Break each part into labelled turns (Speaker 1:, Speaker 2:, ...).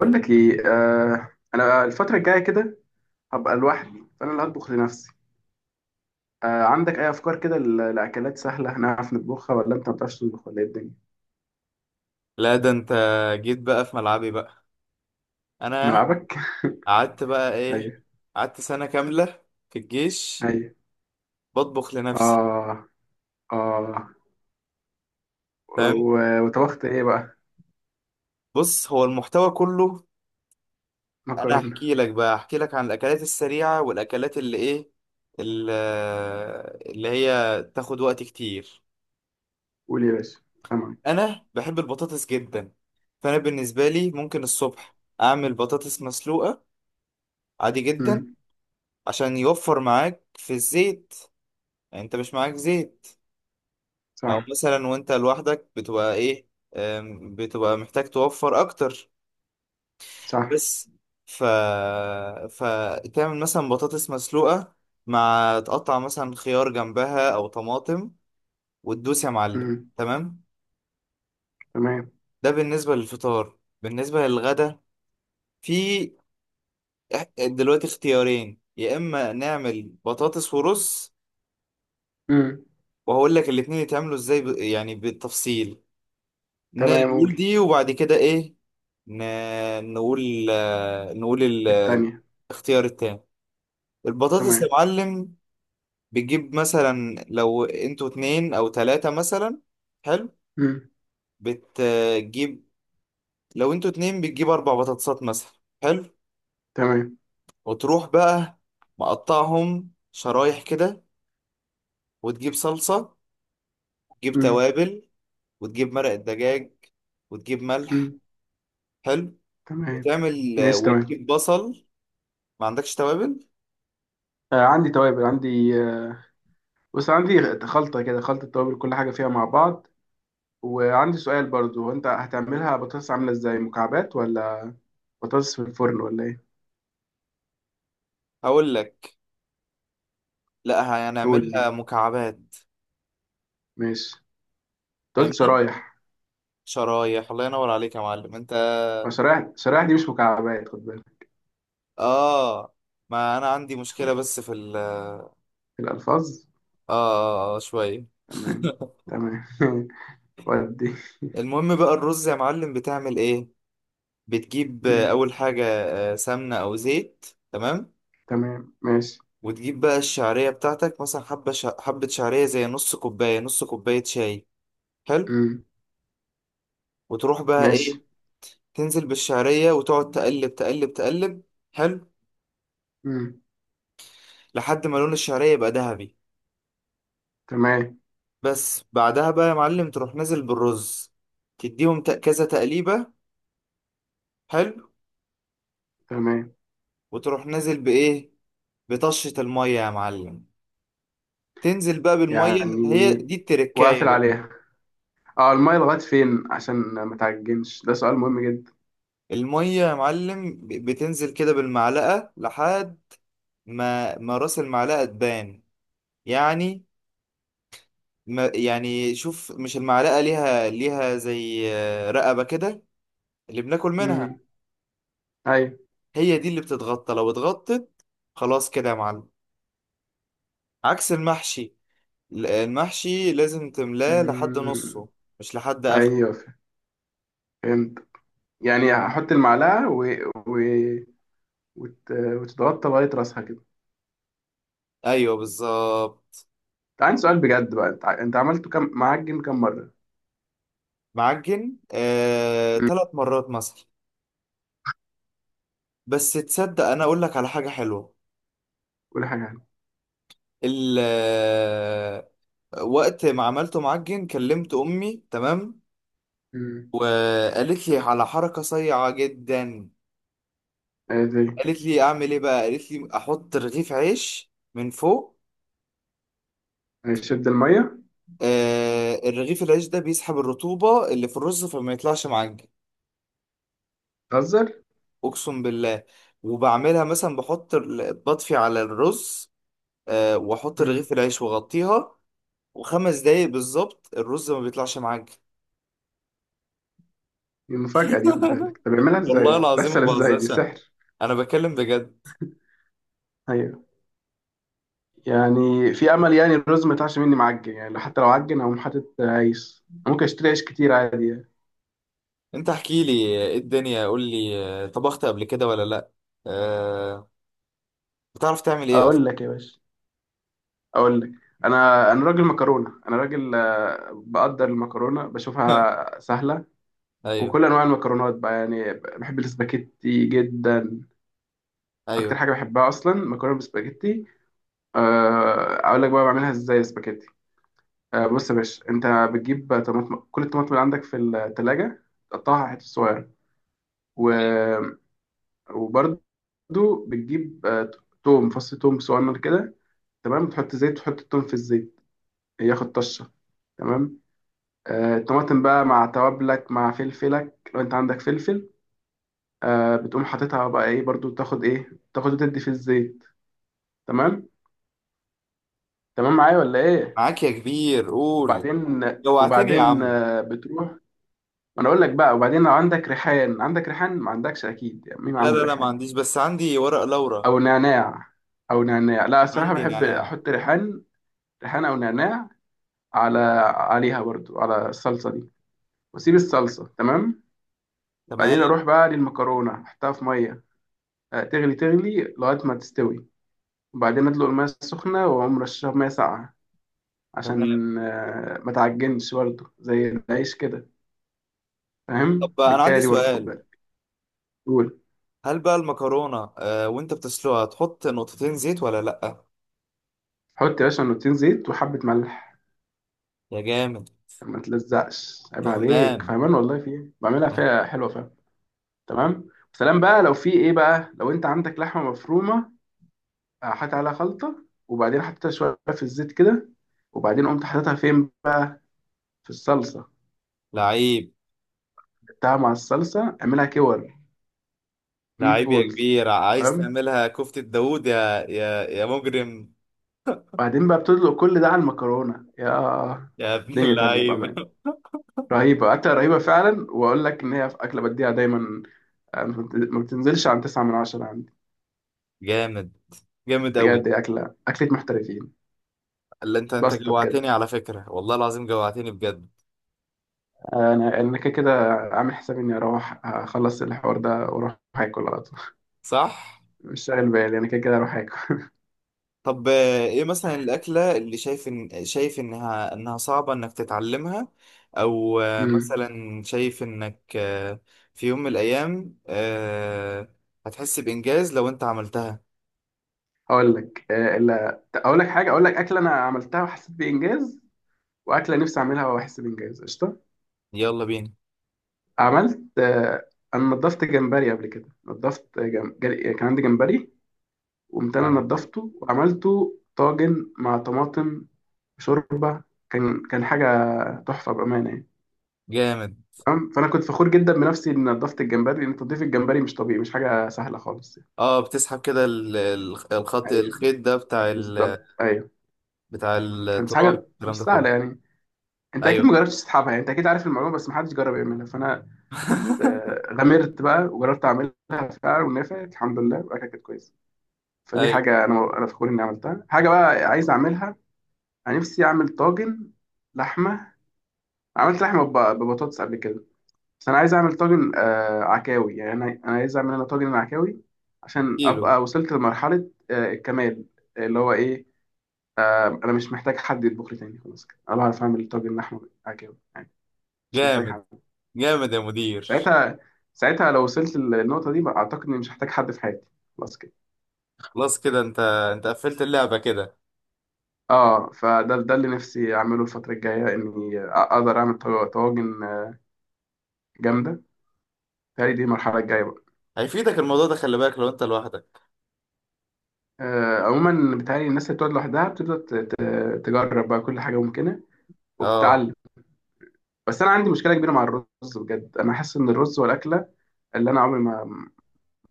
Speaker 1: بقول لك ايه انا الفتره الجايه كده، هبقى لوحدي فانا اللي هطبخ لنفسي. عندك اي افكار كده لاكلات سهله هنعرف نطبخها، ولا انت ما بتعرفش تطبخ ولا ايه الدنيا؟
Speaker 2: لا ده انت جيت بقى في ملعبي بقى. انا
Speaker 1: ملعبك.
Speaker 2: قعدت بقى ايه؟
Speaker 1: ايوه،
Speaker 2: قعدت سنة كاملة في الجيش
Speaker 1: ايوه.
Speaker 2: بطبخ لنفسي.
Speaker 1: اه، اه.
Speaker 2: فاهم؟
Speaker 1: وطبخت ايه بقى؟
Speaker 2: بص هو المحتوى كله، انا
Speaker 1: مكرونه.
Speaker 2: هحكي لك بقى، هحكي لك عن الاكلات السريعة والاكلات اللي ايه، اللي هي تاخد وقت كتير.
Speaker 1: قول يا باشا. تمام.
Speaker 2: انا بحب البطاطس جدا، فانا بالنسبة لي ممكن الصبح اعمل بطاطس مسلوقة عادي جدا،
Speaker 1: امم.
Speaker 2: عشان يوفر معاك في الزيت، يعني انت مش معاك زيت. او
Speaker 1: صح،
Speaker 2: مثلا وانت لوحدك بتبقى ايه، بتبقى محتاج توفر اكتر.
Speaker 1: صح.
Speaker 2: بس ف فتعمل مثلا بطاطس مسلوقة مع تقطع مثلا خيار جنبها او طماطم، وتدوس يا معلم.
Speaker 1: امم.
Speaker 2: تمام.
Speaker 1: تمام.
Speaker 2: ده بالنسبة للفطار. بالنسبة للغدا في دلوقتي اختيارين، يا اما نعمل بطاطس ورز،
Speaker 1: امم.
Speaker 2: وهقول لك الاتنين يتعملوا ازاي يعني بالتفصيل.
Speaker 1: تمام.
Speaker 2: نقول
Speaker 1: قول.
Speaker 2: دي وبعد كده ايه؟ ن... نقول
Speaker 1: التانية.
Speaker 2: الاختيار التاني، البطاطس يا
Speaker 1: تمام.
Speaker 2: معلم. بتجيب مثلا لو انتوا اتنين او تلاتة مثلا، حلو،
Speaker 1: امم.
Speaker 2: بتجيب لو انتوا اتنين بتجيب 4 بطاطسات مثلا، حلو،
Speaker 1: تمام.
Speaker 2: وتروح بقى مقطعهم شرايح كده، وتجيب صلصة، وتجيب
Speaker 1: امم.
Speaker 2: توابل، وتجيب مرق الدجاج، وتجيب ملح،
Speaker 1: امم.
Speaker 2: حلو،
Speaker 1: تمام.
Speaker 2: وتعمل
Speaker 1: ماشي. تمام.
Speaker 2: وتجيب بصل. ما عندكش توابل؟
Speaker 1: آه، عندي توابل عندي. بص، عندي خلطة كده، خلطة توابل كل حاجة فيها مع بعض. وعندي سؤال برضو، هو انت هتعملها بطاطس عاملة ازاي، مكعبات ولا بطاطس في الفرن ولا ايه؟
Speaker 2: هقول لك، لا
Speaker 1: قول
Speaker 2: هنعملها
Speaker 1: لي.
Speaker 2: مكعبات.
Speaker 1: ماشي. أنت قلت
Speaker 2: فاهمني،
Speaker 1: شرايح.
Speaker 2: شرايح. الله ينور عليك يا معلم انت.
Speaker 1: ما شرايح، شرايح دي مش مكعبات، خد بالك.
Speaker 2: اه، ما انا عندي مشكلة بس في ال اه،
Speaker 1: الألفاظ.
Speaker 2: اه, آه شوية.
Speaker 1: تمام. تمام. ودي.
Speaker 2: المهم بقى الرز يا معلم بتعمل ايه؟ بتجيب
Speaker 1: مم.
Speaker 2: اول حاجة سمنة او زيت. تمام.
Speaker 1: تمام، ماشي.
Speaker 2: وتجيب بقى الشعرية بتاعتك، مثلا حبة حبة شعرية زي نص كوباية، نص كوباية شاي، حلو،
Speaker 1: مم.
Speaker 2: وتروح بقى
Speaker 1: ماشي.
Speaker 2: ايه؟ تنزل بالشعرية وتقعد تقلب تقلب تقلب، حلو،
Speaker 1: مم.
Speaker 2: لحد ما لون الشعرية يبقى ذهبي.
Speaker 1: تمام.
Speaker 2: بس بعدها بقى يا معلم تروح نازل بالرز، تديهم كذا تقليبة، حلو،
Speaker 1: تمام.
Speaker 2: وتروح نازل بإيه؟ بطشة المية يا معلم، تنزل بقى بالمية،
Speaker 1: يعني،
Speaker 2: هي دي التركاية
Speaker 1: واقفل
Speaker 2: بقى.
Speaker 1: عليها؟ اه، المية لغاية فين عشان ما تعجنش؟ ده سؤال مهم جدا.
Speaker 2: المية يا معلم بتنزل كده بالمعلقة لحد ما راس المعلقة تبان. يعني، ما يعني شوف، مش المعلقة ليها زي رقبة كده اللي بناكل منها؟
Speaker 1: مم. ايوه.
Speaker 2: هي دي اللي بتتغطى. لو اتغطت خلاص كده يا معلم. عكس المحشي، المحشي لازم تملاه لحد
Speaker 1: مم.
Speaker 2: نصه، مش لحد اخر.
Speaker 1: ايوه، فهمت. يعني هحط المعلقه و... و... وت... وتتغطى لغايه راسها كده؟
Speaker 2: ايوه بالظبط.
Speaker 1: انت، عندي سؤال بجد بقى، انت عملته كم معاك جيم كم مره؟
Speaker 2: معجن
Speaker 1: مم.
Speaker 2: 3 مرات مثلا. بس تصدق انا اقول لك على حاجه حلوه.
Speaker 1: قول حاجه عنه.
Speaker 2: ال آه، وقت ما عملته معجن كلمت امي، تمام،
Speaker 1: مم.
Speaker 2: وقالت لي على حركه صيعه جدا.
Speaker 1: ايه؟
Speaker 2: قالت لي اعمل ايه بقى؟ قالت لي احط رغيف عيش من فوق.
Speaker 1: دي شد الميه.
Speaker 2: آه، الرغيف العيش ده بيسحب الرطوبه اللي في الرز فما يطلعش معجن.
Speaker 1: تهزر.
Speaker 2: اقسم بالله. وبعملها مثلا، بحط بطفي على الرز واحط
Speaker 1: مم.
Speaker 2: رغيف العيش واغطيها، و5 دقايق بالظبط الرز ما بيطلعش معاك.
Speaker 1: دي مفاجاه، دي خد بالك. طب بيعملها ازاي؟
Speaker 2: والله العظيم ما
Speaker 1: بتحصل ازاي؟ دي
Speaker 2: بهزرش،
Speaker 1: سحر.
Speaker 2: انا بكلم بجد.
Speaker 1: ايوه. يعني في امل يعني، الرز ما يطلعش مني معجن. يعني حتى لو عجن هقوم حاطط عيش. ممكن اشتري عيش كتير عادي يعني.
Speaker 2: انت احكي لي، ايه الدنيا قول لي، طبخت قبل كده ولا لا؟ آه، بتعرف تعمل ايه
Speaker 1: اقول
Speaker 2: اصلا؟
Speaker 1: لك يا باشا، اقول لك، انا راجل مكرونه. انا راجل، بقدر المكرونه بشوفها سهله.
Speaker 2: ايوه.
Speaker 1: وكل انواع المكرونات بقى يعني، بحب الاسباجيتي جدا. اكتر
Speaker 2: ايوه،
Speaker 1: حاجه بحبها اصلا مكرونه بالسباجيتي. اقول لك بقى بعملها ازاي السباجيتي. بص يا باشا انت، بتجيب طماطم، كل الطماطم اللي عندك في التلاجة، تقطعها حتت صغيره. و... وبرده بتجيب توم، فص توم صغير كده. تمام. تحط زيت، تحط التوم في الزيت، ياخد طشه. تمام. الطماطم بقى مع توابلك، مع فلفلك لو انت عندك فلفل. بتقوم حاططها بقى ايه، برضو تاخد ايه، تاخد وتدي في الزيت. تمام. تمام معايا ولا ايه؟
Speaker 2: معاك يا كبير، قول.
Speaker 1: وبعدين،
Speaker 2: جوعتني يا
Speaker 1: وبعدين
Speaker 2: عم.
Speaker 1: بتروح. ما انا اقول لك بقى، وبعدين لو عندك ريحان، عندك ريحان؟ ما عندكش اكيد يعني، مين
Speaker 2: لا
Speaker 1: عنده
Speaker 2: لا لا،
Speaker 1: ريحان
Speaker 2: ما
Speaker 1: يعني.
Speaker 2: عنديش، بس عندي ورق لورا.
Speaker 1: او نعناع. او نعناع، لا الصراحه
Speaker 2: عندي
Speaker 1: بحب
Speaker 2: نعناع.
Speaker 1: احط ريحان. ريحان او نعناع على، عليها برضو، على الصلصه دي واسيب الصلصه. تمام.
Speaker 2: تمام.
Speaker 1: بعدين اروح بقى للمكرونه احطها في ميه، تغلي، تغلي لغاية ما تستوي. وبعدين أدلق المية السخنة وأقوم رشها مية ساقعة
Speaker 2: تمام.
Speaker 1: عشان ما تعجنش برضه زي العيش كده.
Speaker 2: طب
Speaker 1: فاهم؟
Speaker 2: انا
Speaker 1: التركاية
Speaker 2: عندي
Speaker 1: دي برضه خد
Speaker 2: سؤال،
Speaker 1: بالك. قول.
Speaker 2: هل بقى المكرونة آه وانت بتسلقها تحط نقطتين زيت ولا لأ؟
Speaker 1: حط يا باشا نقطتين زيت وحبة ملح
Speaker 2: يا جامد.
Speaker 1: عشان ما تلزقش. عيب عليك،
Speaker 2: فهمان.
Speaker 1: فاهمان والله في إيه، بعملها فيها حلوة، فاهم. تمام، سلام بقى. لو في إيه بقى، لو أنت عندك لحمة مفرومة، حط عليها خلطة، وبعدين حطيتها شوية في الزيت كده، وبعدين قمت حاططها فين؟ في الصلصة.
Speaker 2: لعيب.
Speaker 1: جبتها مع الصلصة، اعملها كور. ميت
Speaker 2: لعيب يا
Speaker 1: بولز.
Speaker 2: كبير، عايز
Speaker 1: تمام.
Speaker 2: تعملها كفتة داوود، يا مجرم.
Speaker 1: بعدين بقى بتطلق كل ده على المكرونه، يا
Speaker 2: يا ابن
Speaker 1: دنيا تانية
Speaker 2: اللعيب.
Speaker 1: بأمان. رهيبة، أكلة رهيبة فعلا. وأقول لك إن هي في أكلة بديها دايما، ما بت- ما بتنزلش عن تسعة من عشرة عندي.
Speaker 2: جامد، جامد أوي.
Speaker 1: بجد هي أكلة، أكلة محترفين.
Speaker 2: اللي انت
Speaker 1: باستا بجد.
Speaker 2: جوعتني على فكرة، والله العظيم جوعتني بجد.
Speaker 1: أنا كده كده عامل حسابي إني أروح أخلص الحوار ده وأروح آكل على طول.
Speaker 2: صح؟
Speaker 1: مش شاغل بالي، أنا كده كده أروح آكل.
Speaker 2: طب ايه مثلا الأكلة اللي شايف إن شايف إنها صعبة إنك تتعلمها؟ أو
Speaker 1: أمم.
Speaker 2: مثلا شايف إنك في يوم من الأيام هتحس بإنجاز لو أنت عملتها.
Speaker 1: أقول لك إلا أقول لك حاجة، أقول لك أكلة أنا عملتها وحسيت بإنجاز، وأكلة نفسي أعملها وأحس بإنجاز قشطة.
Speaker 2: يلا بينا.
Speaker 1: عملت انا نضفت جمبري قبل كده، نضفت كان عندي جمبري، قمت انا
Speaker 2: تعالى.
Speaker 1: نضفته وعملته طاجن مع طماطم شوربه. كان حاجه تحفه بامانه يعني.
Speaker 2: جامد.
Speaker 1: تمام. فانا كنت فخور جدا بنفسي اني نضفت الجمبري، لان تنظيف الجمبري مش طبيعي، مش حاجه سهله خالص يعني.
Speaker 2: اه، بتسحب كده ال- ال- الخط
Speaker 1: ايوه
Speaker 2: الخيط ده بتاع ال،
Speaker 1: بالظبط، ايوه.
Speaker 2: بتاع
Speaker 1: كانت
Speaker 2: التراب،
Speaker 1: حاجه
Speaker 2: الكلام
Speaker 1: مش
Speaker 2: ده كله.
Speaker 1: سهله يعني. انت اكيد
Speaker 2: ايوه.
Speaker 1: ما جربتش تسحبها يعني، انت اكيد عارف المعلومه بس ما حدش جرب يعملها. فانا كنت غامرت بقى وجربت اعملها فعلا ونفعت الحمد لله، وبقى كانت كويسه. فدي
Speaker 2: ايوه.
Speaker 1: حاجة أنا فخور إني عملتها. حاجة بقى عايز أعملها، أنا نفسي أعمل طاجن لحمة. عملت لحمة ببطاطس قبل كده. بس أنا عايز أعمل طاجن آه عكاوي يعني، أنا عايز أعمل أنا طاجن عكاوي، عشان
Speaker 2: كيلو.
Speaker 1: أبقى وصلت لمرحلة الكمال اللي هو إيه، أنا مش محتاج حد يطبخ لي تاني. خلاص كده، أنا بعرف أعمل طاجن لحمة عكاوي يعني، مش محتاج
Speaker 2: جامد،
Speaker 1: حد.
Speaker 2: جامد يا مدير.
Speaker 1: ساعتها، ساعتها لو وصلت للنقطة دي بقى، أعتقد إني مش هحتاج حد في حياتي. خلاص كده.
Speaker 2: خلاص كده انت، انت قفلت اللعبة كده.
Speaker 1: اه، فده اللي نفسي اعمله الفتره الجايه، اني اقدر اعمل طواجن جامده. بتهيألي دي المرحله الجايه بقى.
Speaker 2: هيفيدك الموضوع ده، خلي بالك لو انت لوحدك.
Speaker 1: آه عموما، بتهيألي الناس اللي بتقعد لوحدها بتبدا تجرب بقى كل حاجه ممكنه
Speaker 2: اه.
Speaker 1: وبتتعلم. بس انا عندي مشكله كبيره مع الرز. بجد انا حاسس ان الرز والاكله اللي انا عمري، ما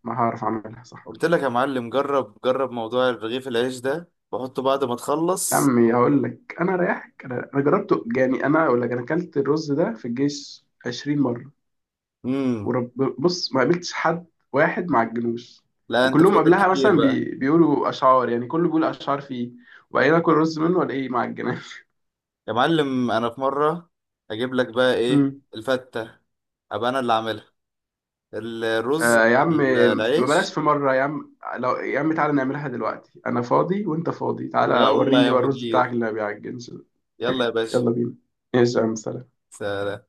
Speaker 1: ما هعرف اعملها صح.
Speaker 2: قلت لك يا معلم، جرب جرب موضوع رغيف العيش ده، بحطه بعد ما
Speaker 1: يا
Speaker 2: تخلص.
Speaker 1: عمي هقول لك، انا رايحك، انا جربته يعني. انا اقول لك، انا اكلت الرز ده في الجيش 20 مره
Speaker 2: امم.
Speaker 1: ورب. بص، ما قابلتش حد واحد مع الجلوس،
Speaker 2: لا انت
Speaker 1: وكلهم
Speaker 2: فايتك
Speaker 1: قبلها
Speaker 2: كتير
Speaker 1: مثلا
Speaker 2: بقى.
Speaker 1: بيقولوا اشعار يعني، كله بيقول اشعار فيه، وبعدين اكل رز منه ولا ايه مع الجناز؟
Speaker 2: يا معلم انا في مره اجيب لك بقى
Speaker 1: امم.
Speaker 2: ايه الفته، ابقى انا اللي عاملها، الرز مع
Speaker 1: آه يا عم، ما
Speaker 2: العيش.
Speaker 1: بلاش. في مره يا عم، لو يا عم تعالى نعملها دلوقتي، انا فاضي وانت فاضي، تعالى
Speaker 2: يلا
Speaker 1: وريني
Speaker 2: يا
Speaker 1: بقى الرز بتاعك
Speaker 2: مدير،
Speaker 1: اللي ما بيعجنش ده.
Speaker 2: يلا يا باشا.
Speaker 1: يلا بينا. ايش يا عم، سلام.
Speaker 2: سلام.